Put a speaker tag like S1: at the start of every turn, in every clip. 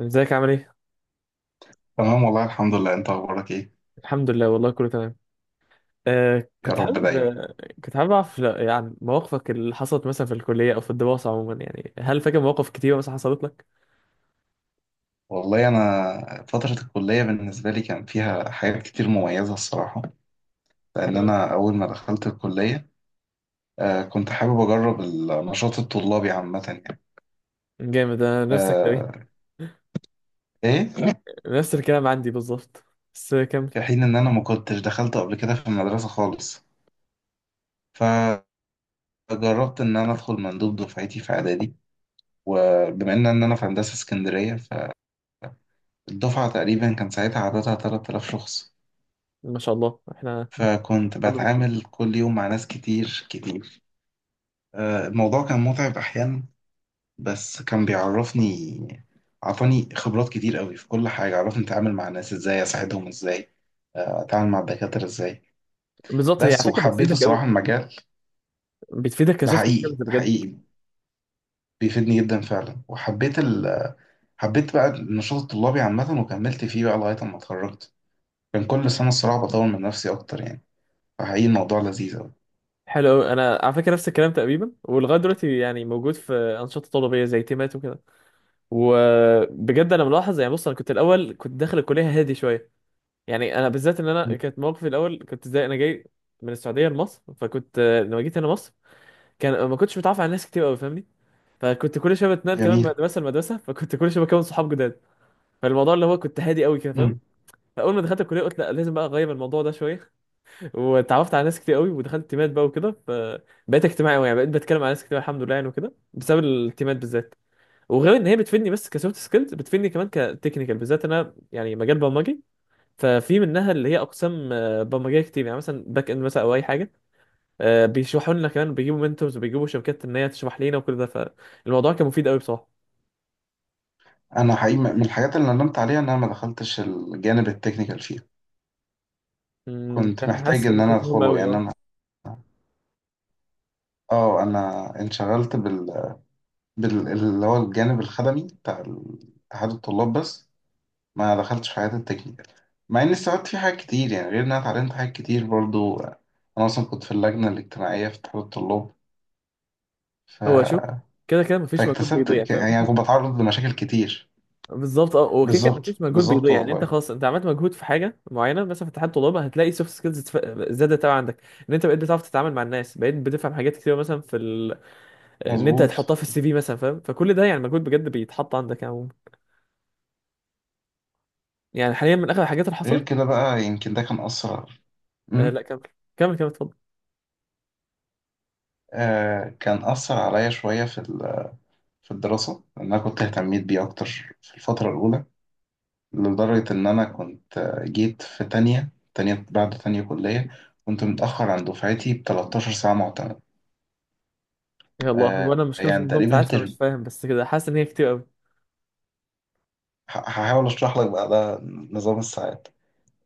S1: ازيك عامل ايه؟
S2: تمام والله الحمد لله. انت اخبارك ايه؟
S1: الحمد لله والله كله تمام. آه
S2: يا
S1: كنت
S2: رب
S1: حابب
S2: دايما.
S1: آه، كنت حابب اعرف، لا، يعني مواقفك اللي حصلت مثلا في الكلية او في الدراسة عموما، يعني هل فاكر مواقف كتير مثلا حصلت لك؟
S2: والله انا فترة الكلية بالنسبة لي كان فيها حاجات كتير مميزة الصراحة، لان
S1: حلو أوي.
S2: انا اول ما دخلت الكلية كنت حابب اجرب النشاط الطلابي عامة يعني.
S1: جامد، انا نفسك لو
S2: آه.
S1: ايه.
S2: ايه.
S1: نفس الكلام عندي بالظبط. بس كمل.
S2: في حين ان انا ما كنتش دخلت قبل كده في المدرسة خالص، فجربت ان انا ادخل مندوب دفعتي في اعدادي. وبما ان انا في هندسة اسكندرية، فالدفعة تقريبا كان ساعتها عددها 3,000 شخص،
S1: ما شاء الله احنا.
S2: فكنت
S1: كله بتفيد.
S2: بتعامل كل يوم مع ناس كتير كتير. الموضوع كان متعب أحيانا، بس كان بيعرفني، عطاني خبرات كتير قوي في كل حاجة، عرفني أتعامل مع الناس إزاي، أساعدهم إزاي، أتعامل مع الدكاترة إزاي.
S1: بالظبط، هي على
S2: بس
S1: فكرة
S2: وحبيت
S1: بتفيدك قوي.
S2: الصراحة المجال.
S1: بتفيدك
S2: ده
S1: كسوفت سكيلز
S2: حقيقي ده
S1: بجد.
S2: حقيقي، بيفيدني جدا فعلا. وحبيت حبيت بقى النشاط الطلابي عامة وكملت فيه بقى لغاية ما اتخرجت. كان كل سنة الصراحة بطور من نفسي أكتر يعني، فحقيقي الموضوع لذيذ أوي.
S1: حلو قوي، انا على فكرة نفس الكلام تقريبا، ولغاية دلوقتي يعني موجود في انشطة طلابية زي تيمات وكده. وبجد انا ملاحظ، يعني بص، انا كنت الاول كنت داخل الكلية هادي شوية، يعني انا بالذات ان انا كانت موقفي الاول كنت زي انا جاي من السعوديه لمصر، فكنت لما جيت هنا مصر كان ما كنتش متعرف على ناس كتير قوي، فاهمني؟ فكنت كل شويه بتنقل كمان من
S2: جميل.
S1: مدرسه لمدرسه، فكنت كل شويه بكون صحاب جداد. فالموضوع اللي هو كنت هادي قوي كده، فاهم؟ فاول ما دخلت الكليه قلت لا، لازم بقى اغير الموضوع ده شويه. واتعرفت على ناس كتير قوي ودخلت تيمات بقى وكده، فبقيت اجتماعي قوي، يعني بقيت بتكلم على ناس كتير الحمد لله يعني، وكده بسبب التيمات بالذات. وغير ان هي بتفيدني بس كسوفت سكيلز، بتفيدني كمان كتكنيكال بالذات، انا يعني مجال برمجي، ففي منها اللي هي اقسام برمجيه كتير، يعني مثلا باك اند مثلا او اي حاجه، بيشرحوا لنا كمان، بيجيبوا منتورز وبيجيبوا شركات ان هي تشرح لنا، وكل ده فالموضوع كان مفيد قوي بصراحه.
S2: انا حقيقي من الحاجات اللي ندمت عليها ان انا ما دخلتش الجانب التكنيكال فيها. كنت محتاج
S1: حاسس
S2: ان
S1: ان
S2: انا
S1: كانت مهمه
S2: ادخله
S1: قوي،
S2: يعني.
S1: اه.
S2: انا اه انا انشغلت بال اللي هو الجانب الخدمي بتاع اتحاد الطلاب بس. ما دخلتش في حاجات التكنيكال، مع اني استفدت فيه حاجات كتير يعني، غير ان انا اتعلمت حاجات كتير برضو. انا اصلا كنت في اللجنة الاجتماعية في اتحاد الطلاب، ف...
S1: هو شوف، كده كده مفيش مجهود
S2: فاكتسبت
S1: بيضيع، فاهم؟
S2: يعني كنت بتعرض لمشاكل كتير.
S1: بالظبط، اه. وكده كده
S2: بالظبط
S1: مفيش مجهود
S2: بالظبط
S1: بيضيع، يعني انت
S2: والله.
S1: خلاص انت عملت مجهود في حاجه معينه مثلا في اتحاد طلابه، هتلاقي سوفت سكيلز زادت قوي عندك، ان انت بقيت بتعرف تتعامل مع الناس، بقيت بتفهم حاجات كتير مثلا في ان انت
S2: مظبوط.
S1: هتحطها في السي في مثلا، فاهم؟ فكل ده يعني مجهود بجد بيتحط عندك يعني. يعني حاليا من اخر الحاجات اللي
S2: غير
S1: حصلت،
S2: كده بقى يمكن ده كان أثر.
S1: آه
S2: أمم.
S1: لا كمل، كمل كمل اتفضل.
S2: كان أثر عليا شوية في في الدراسة، لأن أنا كنت اهتميت بيه أكتر في الفترة الأولى، لدرجة إن أنا كنت جيت في تانية بعد تانية كلية. كنت متأخر عن دفعتي ب 13 ساعة معتمد.
S1: يا الله، هو انا مش كملش
S2: يعني
S1: النظام
S2: تقريبا
S1: ساعات فمش
S2: ترم.
S1: فاهم، بس كده حاسس ان هي كتير قوي.
S2: هحاول أشرح لك بقى ده، نظام الساعات.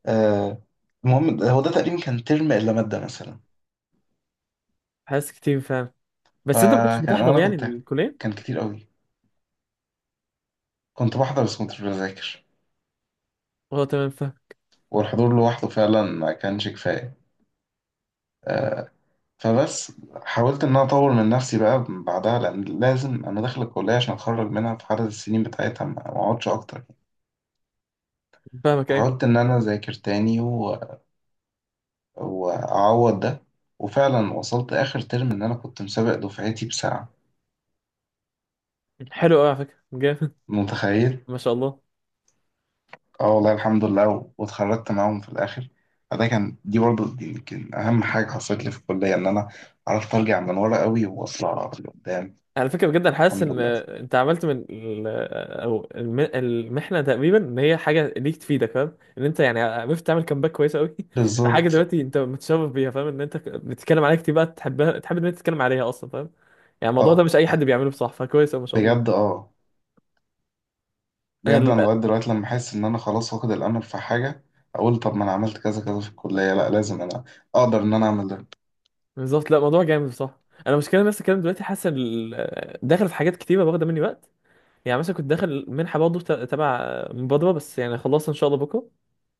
S2: آه، المهم هو ده تقريبا كان ترم إلا مادة مثلا.
S1: حاسس كتير فعلا. بس انت ما كنتش
S2: فكان
S1: بتحضر
S2: أنا
S1: يعني
S2: كنت،
S1: الكليه؟
S2: كان كتير قوي. كنت بحضر بس كنتش بذاكر،
S1: اه تمام، فاهم.
S2: والحضور لوحده فعلا ما كانش كفاية. آه، فبس حاولت ان انا اطور من نفسي بقى بعدها، لان لازم انا داخل الكليه عشان اتخرج منها في عدد السنين بتاعتها، ما اقعدش اكتر يعني.
S1: فاهمك، ايه.
S2: حاولت ان انا اذاكر تاني واعوض ده. وفعلا وصلت اخر ترم ان انا كنت مسابق دفعتي بساعه.
S1: حلو قوي، على فكره جامد.
S2: متخيل.
S1: ما شاء الله.
S2: اه والله الحمد لله واتخرجت معاهم في الاخر. فده كان دي برضو دي يمكن اهم حاجه حصلت لي في الكليه، ان انا عرفت ارجع من ورا قوي واطلع لقدام.
S1: على فكره بجد انا حاسس
S2: الحمد
S1: ان
S2: لله.
S1: انت عملت من المحنه تقريبا ان هي حاجه ليك تفيدك، فاهم؟ ان انت يعني عرفت تعمل كامباك كويس قوي. في حاجه
S2: بالظبط.
S1: دلوقتي انت متشرف بيها، فاهم؟ ان انت بتتكلم عليها كتير بقى، تحبها، تحب ان انت تتكلم عليها اصلا، فاهم؟ يعني الموضوع ده
S2: اه
S1: مش اي حد بيعمله بصح، فكويس أوي ما شاء
S2: بجد
S1: الله.
S2: اه.
S1: انا
S2: بجد انا
S1: ال-
S2: لغايه دلوقتي لما احس ان انا خلاص واخد الامل في حاجه اقول، طب ما انا عملت كذا كذا في الكليه، لا لازم انا اقدر ان انا اعمل ده ان
S1: بالظبط، لا موضوع جامد بصح. انا المشكله نفس الكلام دلوقتي، حاسس داخل في حاجات كتيره واخده مني وقت، يعني مثلا كنت داخل منحه برضه تبع مبادره، بس يعني خلاص ان شاء الله بكره.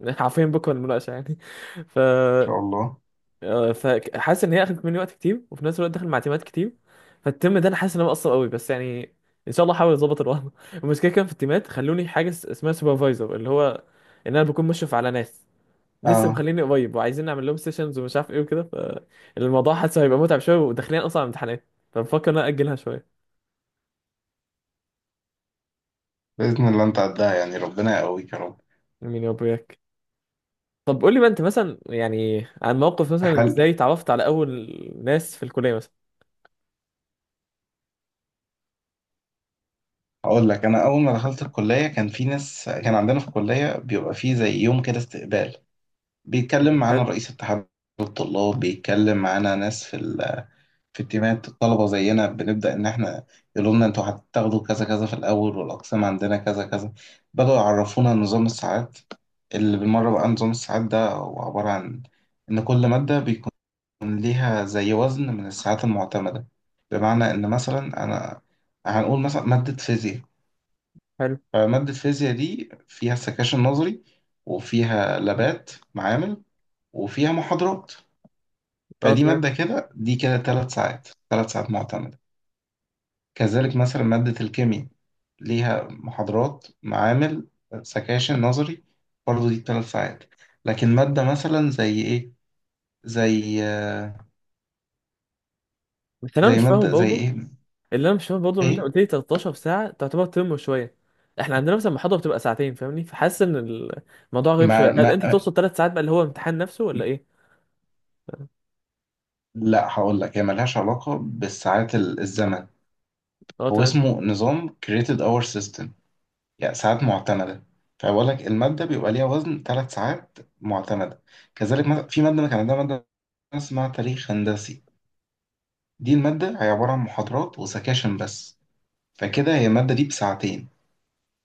S1: عارفين بكره المناقشه يعني. ف
S2: شاء الله.
S1: فحاسس ان هي اخدت مني وقت كتير، وفي نفس الوقت داخل مع تيمات كتير، فالترم ده انا حاسس ان انا مقصر قوي، بس يعني ان شاء الله احاول اظبط الوضع. المشكله كان في التيمات خلوني حاجه اسمها سوبرفايزر، اللي هو ان انا بكون مشرف على ناس لسه
S2: اه.
S1: مخليني قريب، وعايزين نعمل لهم سيشنز ومش عارف ايه وكده، فالموضوع حاسه هيبقى متعب شويه، وداخلين اصلا على امتحانات، فبفكر ان انا اجلها شويه.
S2: باذن الله انت عدها يعني، ربنا يقويك يا رب.
S1: مين يابوياك؟ طب قول لي بقى انت، مثلا يعني عن موقف مثلا،
S2: حل.
S1: ازاي اتعرفت على اول ناس في الكليه مثلا؟
S2: اقول لك، انا اول ما دخلت الكليه كان في ناس، كان عندنا في الكليه بيبقى في زي يوم كده استقبال،
S1: مم.
S2: بيتكلم معانا
S1: حلو.
S2: رئيس اتحاد الطلاب، بيتكلم معانا ناس في التيمات الطلبة زينا، بنبدأ إن إحنا يقولوا لنا أنتوا هتاخدوا كذا كذا في الأول، والأقسام عندنا كذا كذا. بدأوا يعرفونا نظام الساعات، اللي بالمرة بقى نظام الساعات ده هو عبارة عن إن كل مادة بيكون ليها زي وزن من الساعات المعتمدة. بمعنى إن مثلا أنا هنقول مثلا مادة فيزياء،
S1: حلو.
S2: فمادة فيزياء دي فيها سكاشن نظري وفيها لابات معامل وفيها محاضرات،
S1: اه
S2: فدي
S1: تمام.
S2: مادة كده، دي كده تلات ساعات، تلات ساعات معتمدة. كذلك مثلا مادة الكيمياء ليها محاضرات معامل سكاشن نظري، برضه دي ثلاث ساعات. لكن مادة مثلا زي ايه، زي
S1: بس انا
S2: زي
S1: مش فاهم
S2: مادة زي
S1: برضه،
S2: ايه.
S1: اللي انا مش فاهم برضه ان انت
S2: ايه.
S1: قلت لي 13 ساعه تعتبر ترم شويه، احنا عندنا مثلا محاضره بتبقى 2 ساعات، فاهمني؟ فحاسس ان الموضوع غريب
S2: ما
S1: شويه، هل انت
S2: ما
S1: تقصد 3 ساعات بقى اللي هو امتحان نفسه، ولا ايه؟
S2: لا هقول لك، هي ملهاش علاقة بالساعات الزمن.
S1: اه
S2: هو
S1: تمام.
S2: اسمه نظام created hour system، يعني ساعات معتمدة. فبقول لك المادة بيبقى ليها وزن ثلاث ساعات معتمدة. كذلك مثلا في مادة كان عندها مادة اسمها تاريخ هندسي، دي المادة هي عبارة عن محاضرات وسكاشن بس، فكده هي المادة دي بساعتين.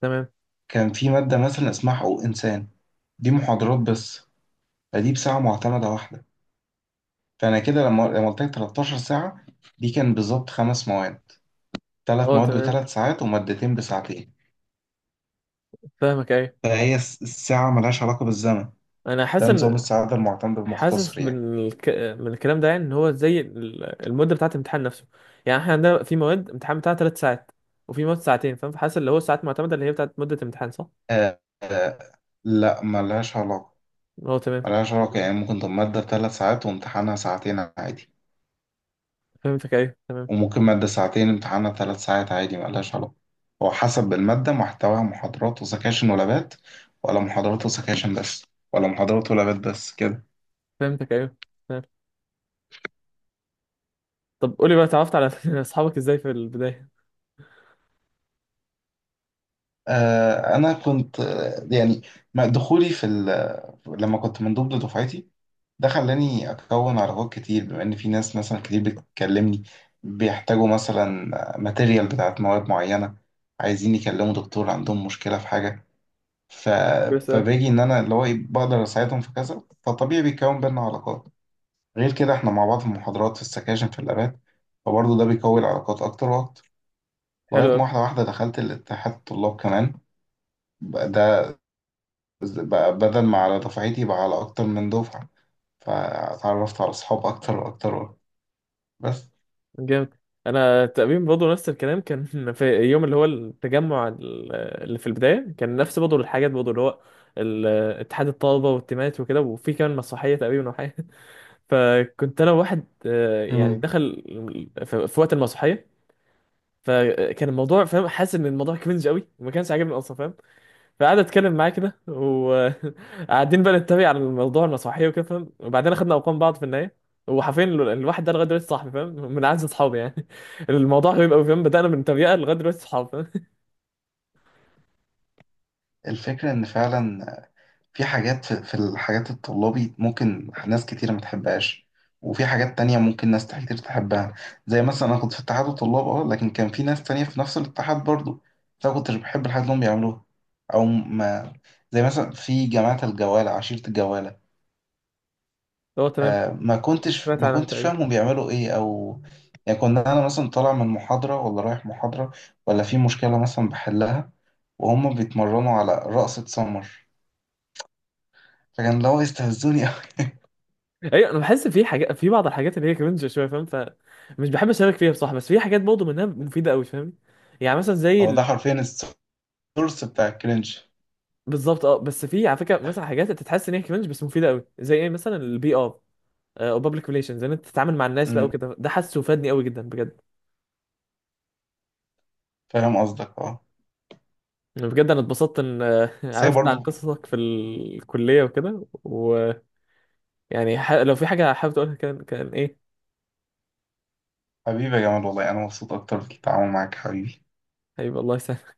S1: تمام.
S2: كان في مادة مثلا اسمها حقوق إنسان، دي محاضرات بس، فدي بساعة معتمدة واحدة. فأنا كده لما قلت لك 13 ساعة، دي كان بالظبط خمس مواد، ثلاث
S1: اه
S2: مواد
S1: تمام،
S2: بثلاث ساعات ومادتين بساعتين.
S1: فاهمك ايوه.
S2: فهي الساعة ملهاش علاقة بالزمن،
S1: انا
S2: ده
S1: حاسس
S2: نظام
S1: ان،
S2: السعادة المعتمد المختصر
S1: حاسس
S2: يعني.
S1: من من الكلام ده يعني، ان هو زي المده بتاعه الامتحان نفسه، يعني احنا عندنا في مواد امتحان بتاعها 3 ساعات، وفي مواد 2 ساعات، فاهم؟ فحاسس اللي هو الساعات معتمده اللي هي بتاعه مده الامتحان، صح؟
S2: آه. لا ملهاش علاقة.
S1: هو تمام.
S2: ملهاش علاقة، يعني ممكن تبقى مادة بثلاث ساعات وامتحانها ساعتين عادي،
S1: فهمتك ايوه، تمام.
S2: وممكن مادة ساعتين امتحانها ثلاث ساعات عادي. ملهاش علاقة، هو حسب المادة محتواها محاضرات وسكاشن ولابات، ولا محاضرات وسكاشن بس، ولا محاضرات ولابات بس كده.
S1: فهمتك ايوه، تمام. طب قولي بقى اتعرفت على اصحابك ازاي في البدايه؟
S2: أنا كنت يعني دخولي في لما كنت من ضمن دفعتي ده خلاني أكون علاقات كتير، بما إن في ناس مثلا كتير بتكلمني، بيحتاجوا مثلا ماتيريال بتاعت مواد معينة، عايزين يكلموا دكتور، عندهم مشكلة في حاجة، ف...
S1: بس.
S2: فباجي ان انا اللي هو إيه، بقدر اساعدهم في كذا، فطبيعي بيتكون بينا علاقات. غير كده احنا مع بعض في المحاضرات، في السكاشن، في الابات، فبرضه ده بيقوي العلاقات اكتر واكتر. لغايه
S1: حلو قوي.
S2: ما واحده واحده دخلت الاتحاد الطلاب كمان، بقى ده، بقى بدل ما على دفعتي بقى على اكتر من دفعه، فاتعرفت على اصحاب اكتر واكتر واكتر. بس.
S1: جامد. انا تقريبا برضه نفس الكلام كان، في يوم اللي هو التجمع اللي في البدايه كان نفس برضه الحاجات برضه، اللي هو ال- اتحاد الطلبه والتيمات وكده، وفي كمان مسرحيه تقريبا وحاجه، فكنت انا واحد يعني
S2: امم.
S1: دخل في وقت المسرحيه، فكان الموضوع فاهم، حاسس ان الموضوع كرنج قوي وما كانش عاجبني اصلا، فاهم؟ فقعد اتكلم معاه كده، وقاعدين بقى نتريق على الموضوع المسرحيه وكده، فاهم؟ وبعدين خدنا ارقام بعض في النهايه، وحرفيا الواحد ده لغايه دلوقتي صاحبي، فاهم؟ من اعز اصحابي يعني. الموضوع غريب قوي، فاهم؟ بدانا من تريقه لغايه دلوقتي صحاب، فاهم؟
S2: الفكره ان فعلا في حاجات في الحاجات الطلابي ممكن ناس كتير ما تحبهاش، وفي حاجات تانية ممكن ناس كتير تحبها. زي مثلا أنا كنت في اتحاد الطلاب اه، لكن كان في ناس تانية في نفس الاتحاد برضو، بس أنا كنتش بحب الحاجات اللي هم بيعملوها. أو ما زي مثلا في جماعة الجوالة عشيرة الجوالة.
S1: هو تمام.
S2: ما كنتش
S1: سمعت
S2: ما
S1: عنها
S2: كنتش
S1: تقريبا.
S2: فاهم هم بيعملوا إيه. أو يعني كنا، أنا مثلا طالع من محاضرة ولا رايح محاضرة، ولا في مشكلة مثلا بحلها، وهم بيتمرنوا على رقصة سمر، فكان اللي هو يستهزوني أوي.
S1: ايوه انا بحس في حاجات، في بعض الحاجات اللي هي كرنج شويه، فاهم؟ فمش بحب اشارك فيها بصراحه، بس في حاجات برضه منها مفيده قوي، فاهم؟ يعني مثلا زي
S2: هو ده حرفيا السورس بتاع الكرنج.
S1: بالظبط، اه. بس في على فكره مثلا حاجات انت تحس ان هي كرنج بس مفيده قوي، زي ايه مثلا؟ البي ار او بابليك ريليشنز، ان انت تتعامل مع الناس بقى
S2: امم.
S1: وكده، ده حاسه فادني قوي جدا بجد.
S2: فاهم قصدك اه.
S1: أنا بجد انا اتبسطت ان
S2: بس هي
S1: عرفت عن
S2: برضه.
S1: قصصك في الكليه وكده ويعني، لو في حاجه حابب تقولها، كان كان ايه؟
S2: حبيبي يا جمال، والله انا مبسوط اكتر بالتعامل معاك حبيبي.
S1: هيبقى الله يسهل.